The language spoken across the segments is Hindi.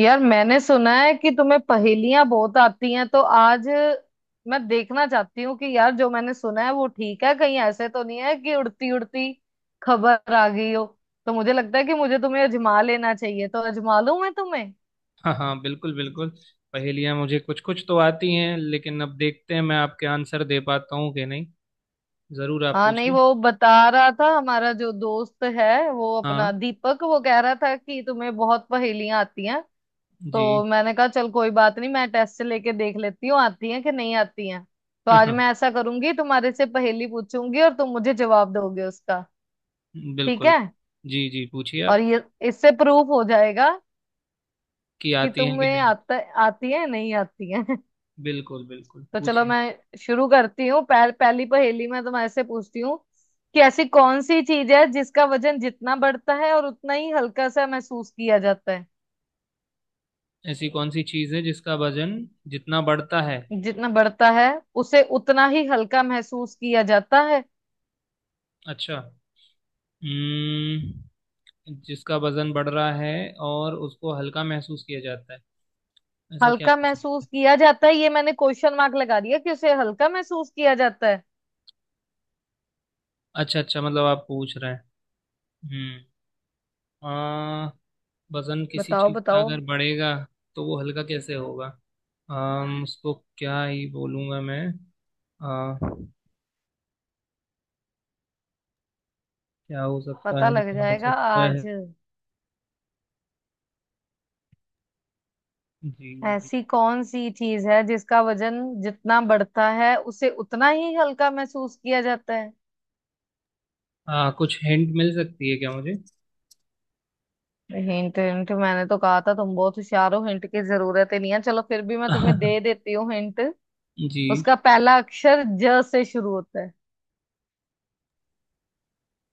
यार मैंने सुना है कि तुम्हें पहेलियां बहुत आती हैं तो आज मैं देखना चाहती हूँ कि यार जो मैंने सुना है वो ठीक है। कहीं ऐसे तो नहीं है कि उड़ती उड़ती खबर आ गई हो। तो मुझे लगता है कि मुझे तुम्हें अजमा लेना चाहिए, तो अजमा लूं मैं तुम्हें। हाँ हाँ, बिल्कुल बिल्कुल। पहेलियाँ मुझे कुछ कुछ तो आती हैं, लेकिन अब देखते हैं मैं आपके आंसर दे पाता हूँ कि नहीं। जरूर, आप हाँ नहीं, पूछिए। वो बता रहा था हमारा जो दोस्त है, वो अपना हाँ दीपक, वो कह रहा था कि तुम्हें बहुत पहेलियां आती हैं। जी। तो मैंने कहा चल कोई बात नहीं, मैं टेस्ट लेके देख लेती हूँ आती हैं कि नहीं आती हैं। तो आज मैं ऐसा करूंगी, तुम्हारे से पहेली पूछूंगी और तुम मुझे जवाब दोगे उसका। ठीक बिल्कुल। है। जी जी, पूछिए और आप। ये, इससे प्रूफ हो जाएगा कि कि आती हैं कि तुम्हें नहीं। आता, आती है नहीं आती है। बिल्कुल बिल्कुल, तो चलो पूछिए। मैं शुरू करती हूँ। पहली पहेली मैं तुम्हारे से पूछती हूँ कि ऐसी कौन सी चीज है जिसका वजन जितना बढ़ता है और उतना ही हल्का सा महसूस किया जाता है। ऐसी कौन सी चीज़ है जिसका वजन जितना बढ़ता है। जितना बढ़ता है उसे उतना ही हल्का महसूस किया जाता है। अच्छा। हम्म। जिसका वजन बढ़ रहा है और उसको हल्का महसूस किया जाता है, ऐसा क्या हल्का हो सकता महसूस है। किया जाता है, ये मैंने क्वेश्चन मार्क लगा दिया कि उसे हल्का महसूस किया जाता है। अच्छा अच्छा, मतलब आप पूछ रहे हैं। हम्म। वजन किसी बताओ चीज का बताओ। अगर बढ़ेगा तो वो हल्का कैसे होगा। अम उसको क्या ही बोलूँगा मैं। अ, क्या हो सकता पता है, लग क्या हो जाएगा सकता है। आज। जी जी। ऐसी कौन सी चीज है जिसका वजन जितना बढ़ता है उसे उतना ही हल्का महसूस किया जाता है। कुछ हिंट मिल सकती है क्या मुझे। हिंट हिंट, मैंने तो कहा था तुम बहुत होशियार हो, हिंट की जरूरत ही नहीं है। चलो फिर भी मैं तुम्हें दे देती हूँ हिंट। जी। उसका पहला अक्षर ज से शुरू होता है।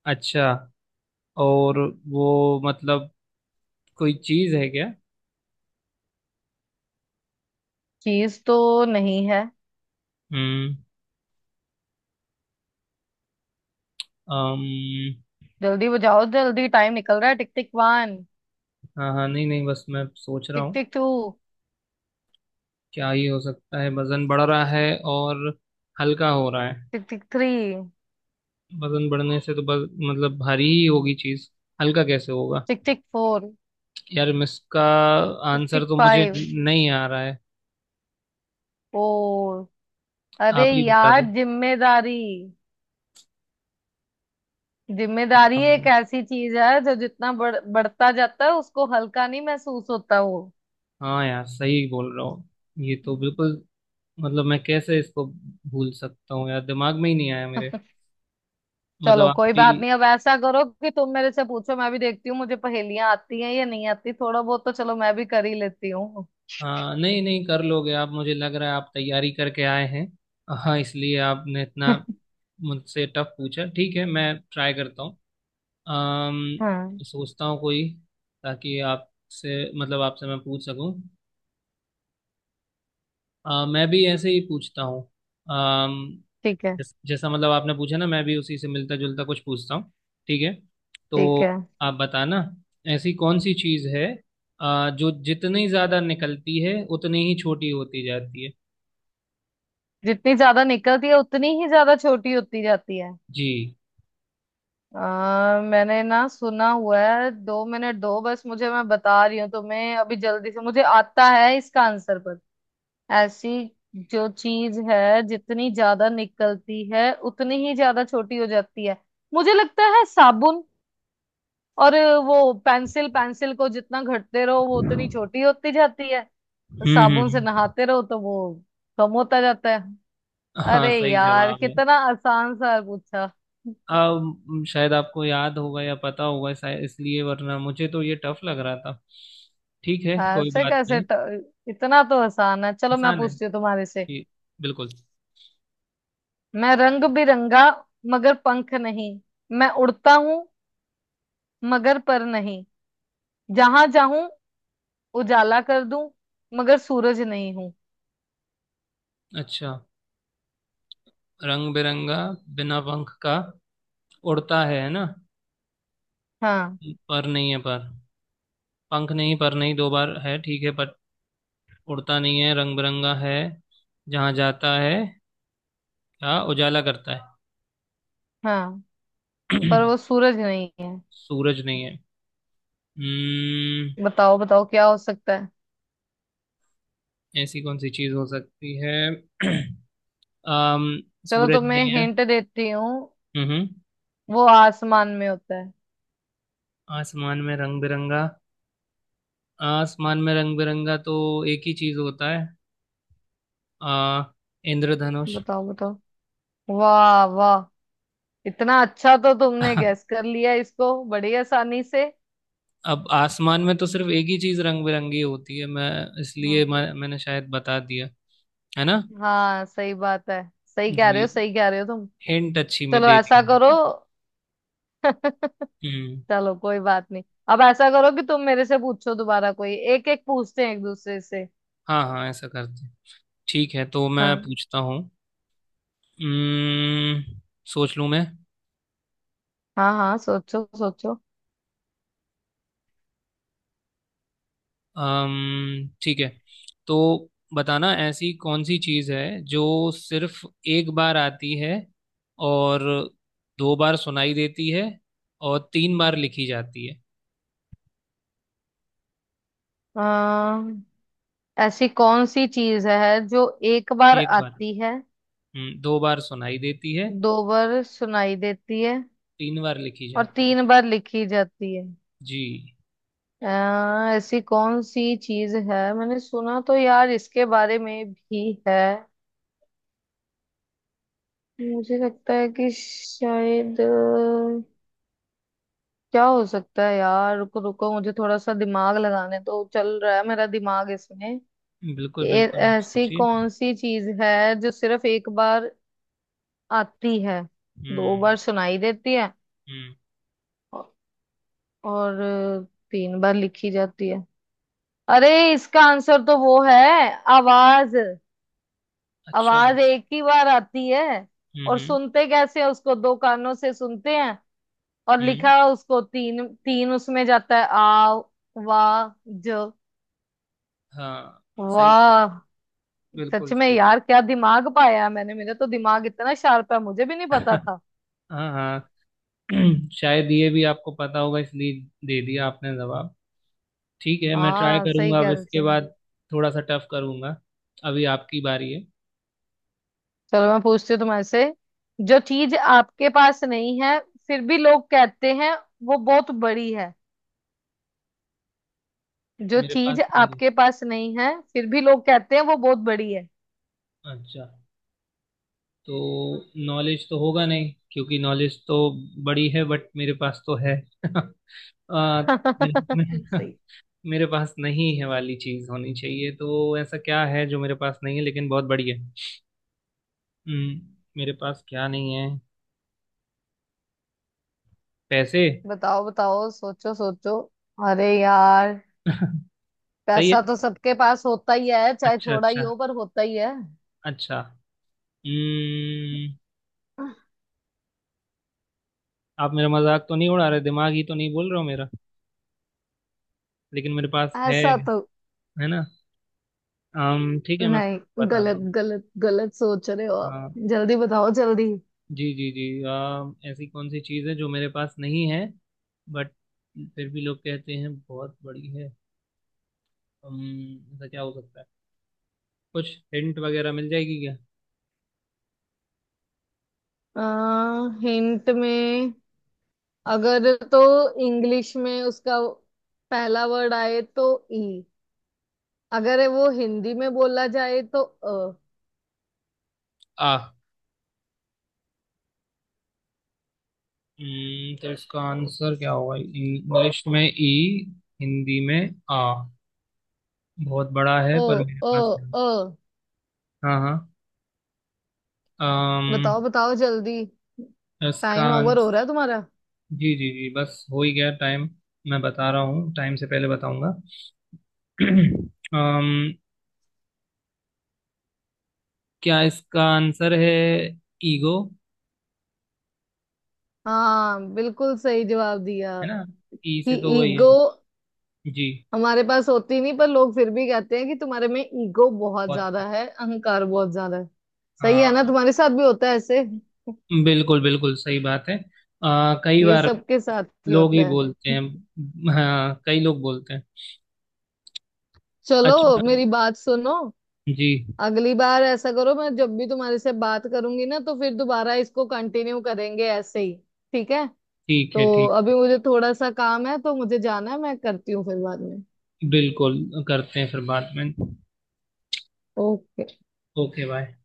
अच्छा। और वो मतलब कोई चीज है क्या। चीज तो नहीं है। हम्म। अम, जल्दी बजाओ जल्दी, टाइम निकल रहा है। टिक टिक वन। हाँ हाँ, नहीं नहीं, बस मैं सोच रहा टिक हूँ। Tick two. क्या ही हो सकता है, वजन बढ़ रहा है और हल्का हो रहा है। टिक टिक थ्री। वजन बढ़ने से तो बस मतलब भारी ही होगी चीज, हल्का कैसे होगा। टिक टिक फोर। यार इसका टिक आंसर टिक तो मुझे फाइव। नहीं आ रहा है, फोर। आप अरे ही बता यार, दो। जिम्मेदारी। जिम्मेदारी एक हाँ ऐसी चीज है जो जितना बढ़ता जाता है उसको हल्का नहीं महसूस होता वो। हाँ, यार सही बोल रहा हूँ, ये तो बिल्कुल मतलब मैं कैसे इसको भूल सकता हूँ यार, दिमाग में ही नहीं आया मेरे, मतलब चलो आप कोई भी। बात नहीं, अब ऐसा करो कि तुम मेरे से पूछो। मैं भी देखती हूँ मुझे पहेलियां आती हैं या नहीं आती, थोड़ा बहुत तो चलो मैं भी कर ही लेती हूँ। हाँ, नहीं नहीं, कर लोगे आप, मुझे लग रहा है आप तैयारी करके आए हैं। हाँ, इसलिए आपने इतना मुझसे टफ पूछा। ठीक है, मैं ट्राई करता हूँ। हाँ। सोचता हूँ कोई, ताकि आपसे मतलब आपसे मैं पूछ सकूं। मैं भी ऐसे ही पूछता हूँ। अम्म ठीक है। जैसा मतलब आपने पूछा ना, मैं भी उसी से मिलता जुलता कुछ पूछता हूँ। ठीक है तो ठीक है। आप बताना, ऐसी कौन सी चीज़ है जो जितनी ज़्यादा निकलती है उतनी ही छोटी होती जाती है। जितनी ज्यादा निकलती है उतनी ही ज्यादा छोटी होती जाती है। जी। मैंने ना सुना हुआ है, दो मिनट दो बस मुझे, मैं बता रही हूँ तुम्हें अभी जल्दी से, मुझे आता है इसका आंसर पर। ऐसी जो चीज है जितनी ज्यादा निकलती है उतनी ही ज्यादा छोटी हो जाती है। मुझे लगता है साबुन। और वो पेंसिल पेंसिल को जितना घटते रहो वो उतनी छोटी होती जाती है। हम्म हम्म साबुन से हम्म। नहाते रहो तो वो कम होता जाता है। हाँ अरे सही यार, जवाब है। कितना आसान सा पूछा। अब शायद आपको याद होगा या पता होगा शायद, इसलिए, वरना मुझे तो ये टफ लग रहा था। ठीक है, कोई ऐसे बात कैसे नहीं। इतना तो आसान है। चलो मैं आसान है पूछती हूँ तुम्हारे से। जी, बिल्कुल। मैं रंग बिरंगा, मगर पंख नहीं। मैं उड़ता हूँ, मगर पर नहीं। जहां जाऊं उजाला कर दूं, मगर सूरज नहीं हूं। अच्छा, रंग बिरंगा, बिना पंख का उड़ता है ना। हाँ। पर नहीं है, पर पंख नहीं पर नहीं दो बार है, ठीक है। पर उड़ता नहीं है, रंग बिरंगा है। जहाँ जाता है, क्या उजाला करता है। हाँ। पर वो सूरज नहीं है। सूरज नहीं है। हम्म। बताओ बताओ, क्या हो सकता है। ऐसी कौन सी चीज हो सकती है। अम चलो सूरज तुम्हें नहीं है। हिंट देती हूँ। हम्म। वो आसमान में होता है। आसमान में रंग बिरंगा। आसमान में रंग बिरंगा तो एक ही चीज होता है, आ इंद्रधनुष। बताओ बताओ। वाह वाह। इतना अच्छा तो तुमने गैस कर लिया इसको बड़ी आसानी से। अब आसमान में तो सिर्फ एक ही चीज रंग बिरंगी होती है, मैं इसलिए हाँ, मैंने शायद बता दिया, है ना। हाँ, सही बात है। सही कह रहे जी। हो, सही कह रहे हो तुम। हिंट अच्छी में चलो दे ऐसा करो। दिया। हम्म। चलो कोई बात नहीं। अब ऐसा करो कि तुम मेरे से पूछो दोबारा, कोई एक एक पूछते हैं एक दूसरे से। हाँ हाँ, ऐसा करते हैं। ठीक है, तो मैं हाँ पूछता हूँ। हम्म सोच लूँ मैं। हाँ। हाँ, सोचो सोचो। ठीक है, तो बताना, ऐसी कौन सी चीज है जो सिर्फ एक बार आती है, और दो बार सुनाई देती है, और तीन बार लिखी जाती है। अम्म, ऐसी कौन सी चीज है जो एक बार एक बार। आती है, हम्म। दो बार सुनाई देती है। दो बार सुनाई देती है तीन बार लिखी और जाती है। तीन बार लिखी जाती है। जी। ऐसी कौन सी चीज है, मैंने सुना तो यार इसके बारे में भी है। मुझे लगता है कि शायद क्या हो सकता है यार, रुको रुको, मुझे थोड़ा सा दिमाग लगाने, तो चल रहा है मेरा दिमाग इसमें। बिल्कुल बिल्कुल, आप ऐसी सोचिए। कौन सी चीज है जो सिर्फ एक बार आती है, दो हम्म। बार सुनाई देती है हम्म। औ- और तीन बार लिखी जाती है। अरे, इसका आंसर तो वो है, आवाज। अच्छा। आवाज एक ही बार आती है। हम्म और हम्म सुनते कैसे हैं, उसको दो कानों से सुनते हैं। और हम्म। लिखा उसको तीन तीन उसमें जाता है आ वाह। ज, हाँ सही, वाह। सच बिल्कुल में सही। यार, क्या दिमाग पाया है मैंने, मेरा तो दिमाग इतना शार्प है, मुझे भी नहीं पता था। हाँ हाँ। शायद ये भी आपको पता होगा, इसलिए दे दिया आपने जवाब। ठीक है, मैं ट्राई हाँ, सही करूंगा अब कह रहे इसके थे। बाद, थोड़ा सा टफ करूंगा। अभी आपकी बारी है। चलो मैं पूछती हूँ तुम्हारे से। जो चीज आपके पास नहीं है, फिर भी लोग कहते हैं वो बहुत बड़ी है। जो मेरे पास चीज नहीं है, आपके पास नहीं है, फिर भी लोग कहते हैं वो बहुत बड़ी है। अच्छा। तो नॉलेज तो होगा नहीं, क्योंकि नॉलेज तो बड़ी है, बट मेरे पास तो है। आ, मेरे सही। मेरे पास नहीं है वाली चीज होनी चाहिए, तो ऐसा क्या है जो मेरे पास नहीं है लेकिन बहुत बड़ी है। हम्म, मेरे पास क्या नहीं है, पैसे। बताओ बताओ, सोचो सोचो। अरे यार, सही है। पैसा तो सबके पास होता ही है, चाहे अच्छा थोड़ा ही अच्छा। हो पर होता ही है। अच्छा। हम्म, आप मेरा मजाक तो नहीं उड़ा रहे, दिमाग ही तो नहीं बोल रहे हो मेरा, लेकिन मेरे पास है ऐसा तो है ना। ठीक है, मैं इसको नहीं। बताता गलत हूँ। गलत गलत सोच रहे हो आप। हाँ। जल्दी बताओ जल्दी। जी जी जी, ऐसी कौन सी चीज़ है जो मेरे पास नहीं है, बट फिर भी लोग कहते हैं बहुत बड़ी है। ऐसा क्या हो सकता है, कुछ हिंट वगैरह मिल जाएगी क्या। आ, हिंट में, अगर तो इंग्लिश में उसका पहला वर्ड आए तो ई। अगर वो हिंदी में बोला जाए तो अ। आ तो इसका आंसर क्या होगा, इंग्लिश में ई, हिंदी में आ, बहुत बड़ा है ओ। पर मेरे ओ। पास नहीं। ओ। हाँ हाँ। अम, बताओ बताओ जल्दी। इसका टाइम ओवर हो आंसर। रहा है तुम्हारा। जी जी जी, बस हो ही गया टाइम, मैं बता रहा हूँ, टाइम से पहले बताऊंगा। अम, क्या इसका आंसर है, ईगो। हाँ, बिल्कुल सही जवाब दिया। है ना, ई कि से तो वही है। ईगो जी। हमारे पास होती नहीं, पर लोग फिर भी कहते हैं कि तुम्हारे में ईगो बहुत बहुत, ज्यादा है, अहंकार बहुत ज्यादा है। सही है ना, हाँ, तुम्हारे साथ भी होता है ऐसे। बिल्कुल बिल्कुल सही बात है। कई ये बार सबके साथ ही लोग होता ही बोलते है। हैं, हाँ कई लोग बोलते हैं। चलो अच्छा। मेरी बात सुनो। जी अगली बार ऐसा करो, मैं जब भी तुम्हारे से बात करूंगी ना तो फिर दोबारा इसको कंटिन्यू करेंगे ऐसे ही, ठीक है। ठीक है, तो अभी ठीक। मुझे थोड़ा सा काम है, तो मुझे जाना है, मैं करती हूँ फिर बाद में। बिल्कुल, करते हैं फिर बाद में। ओके। Okay, bye.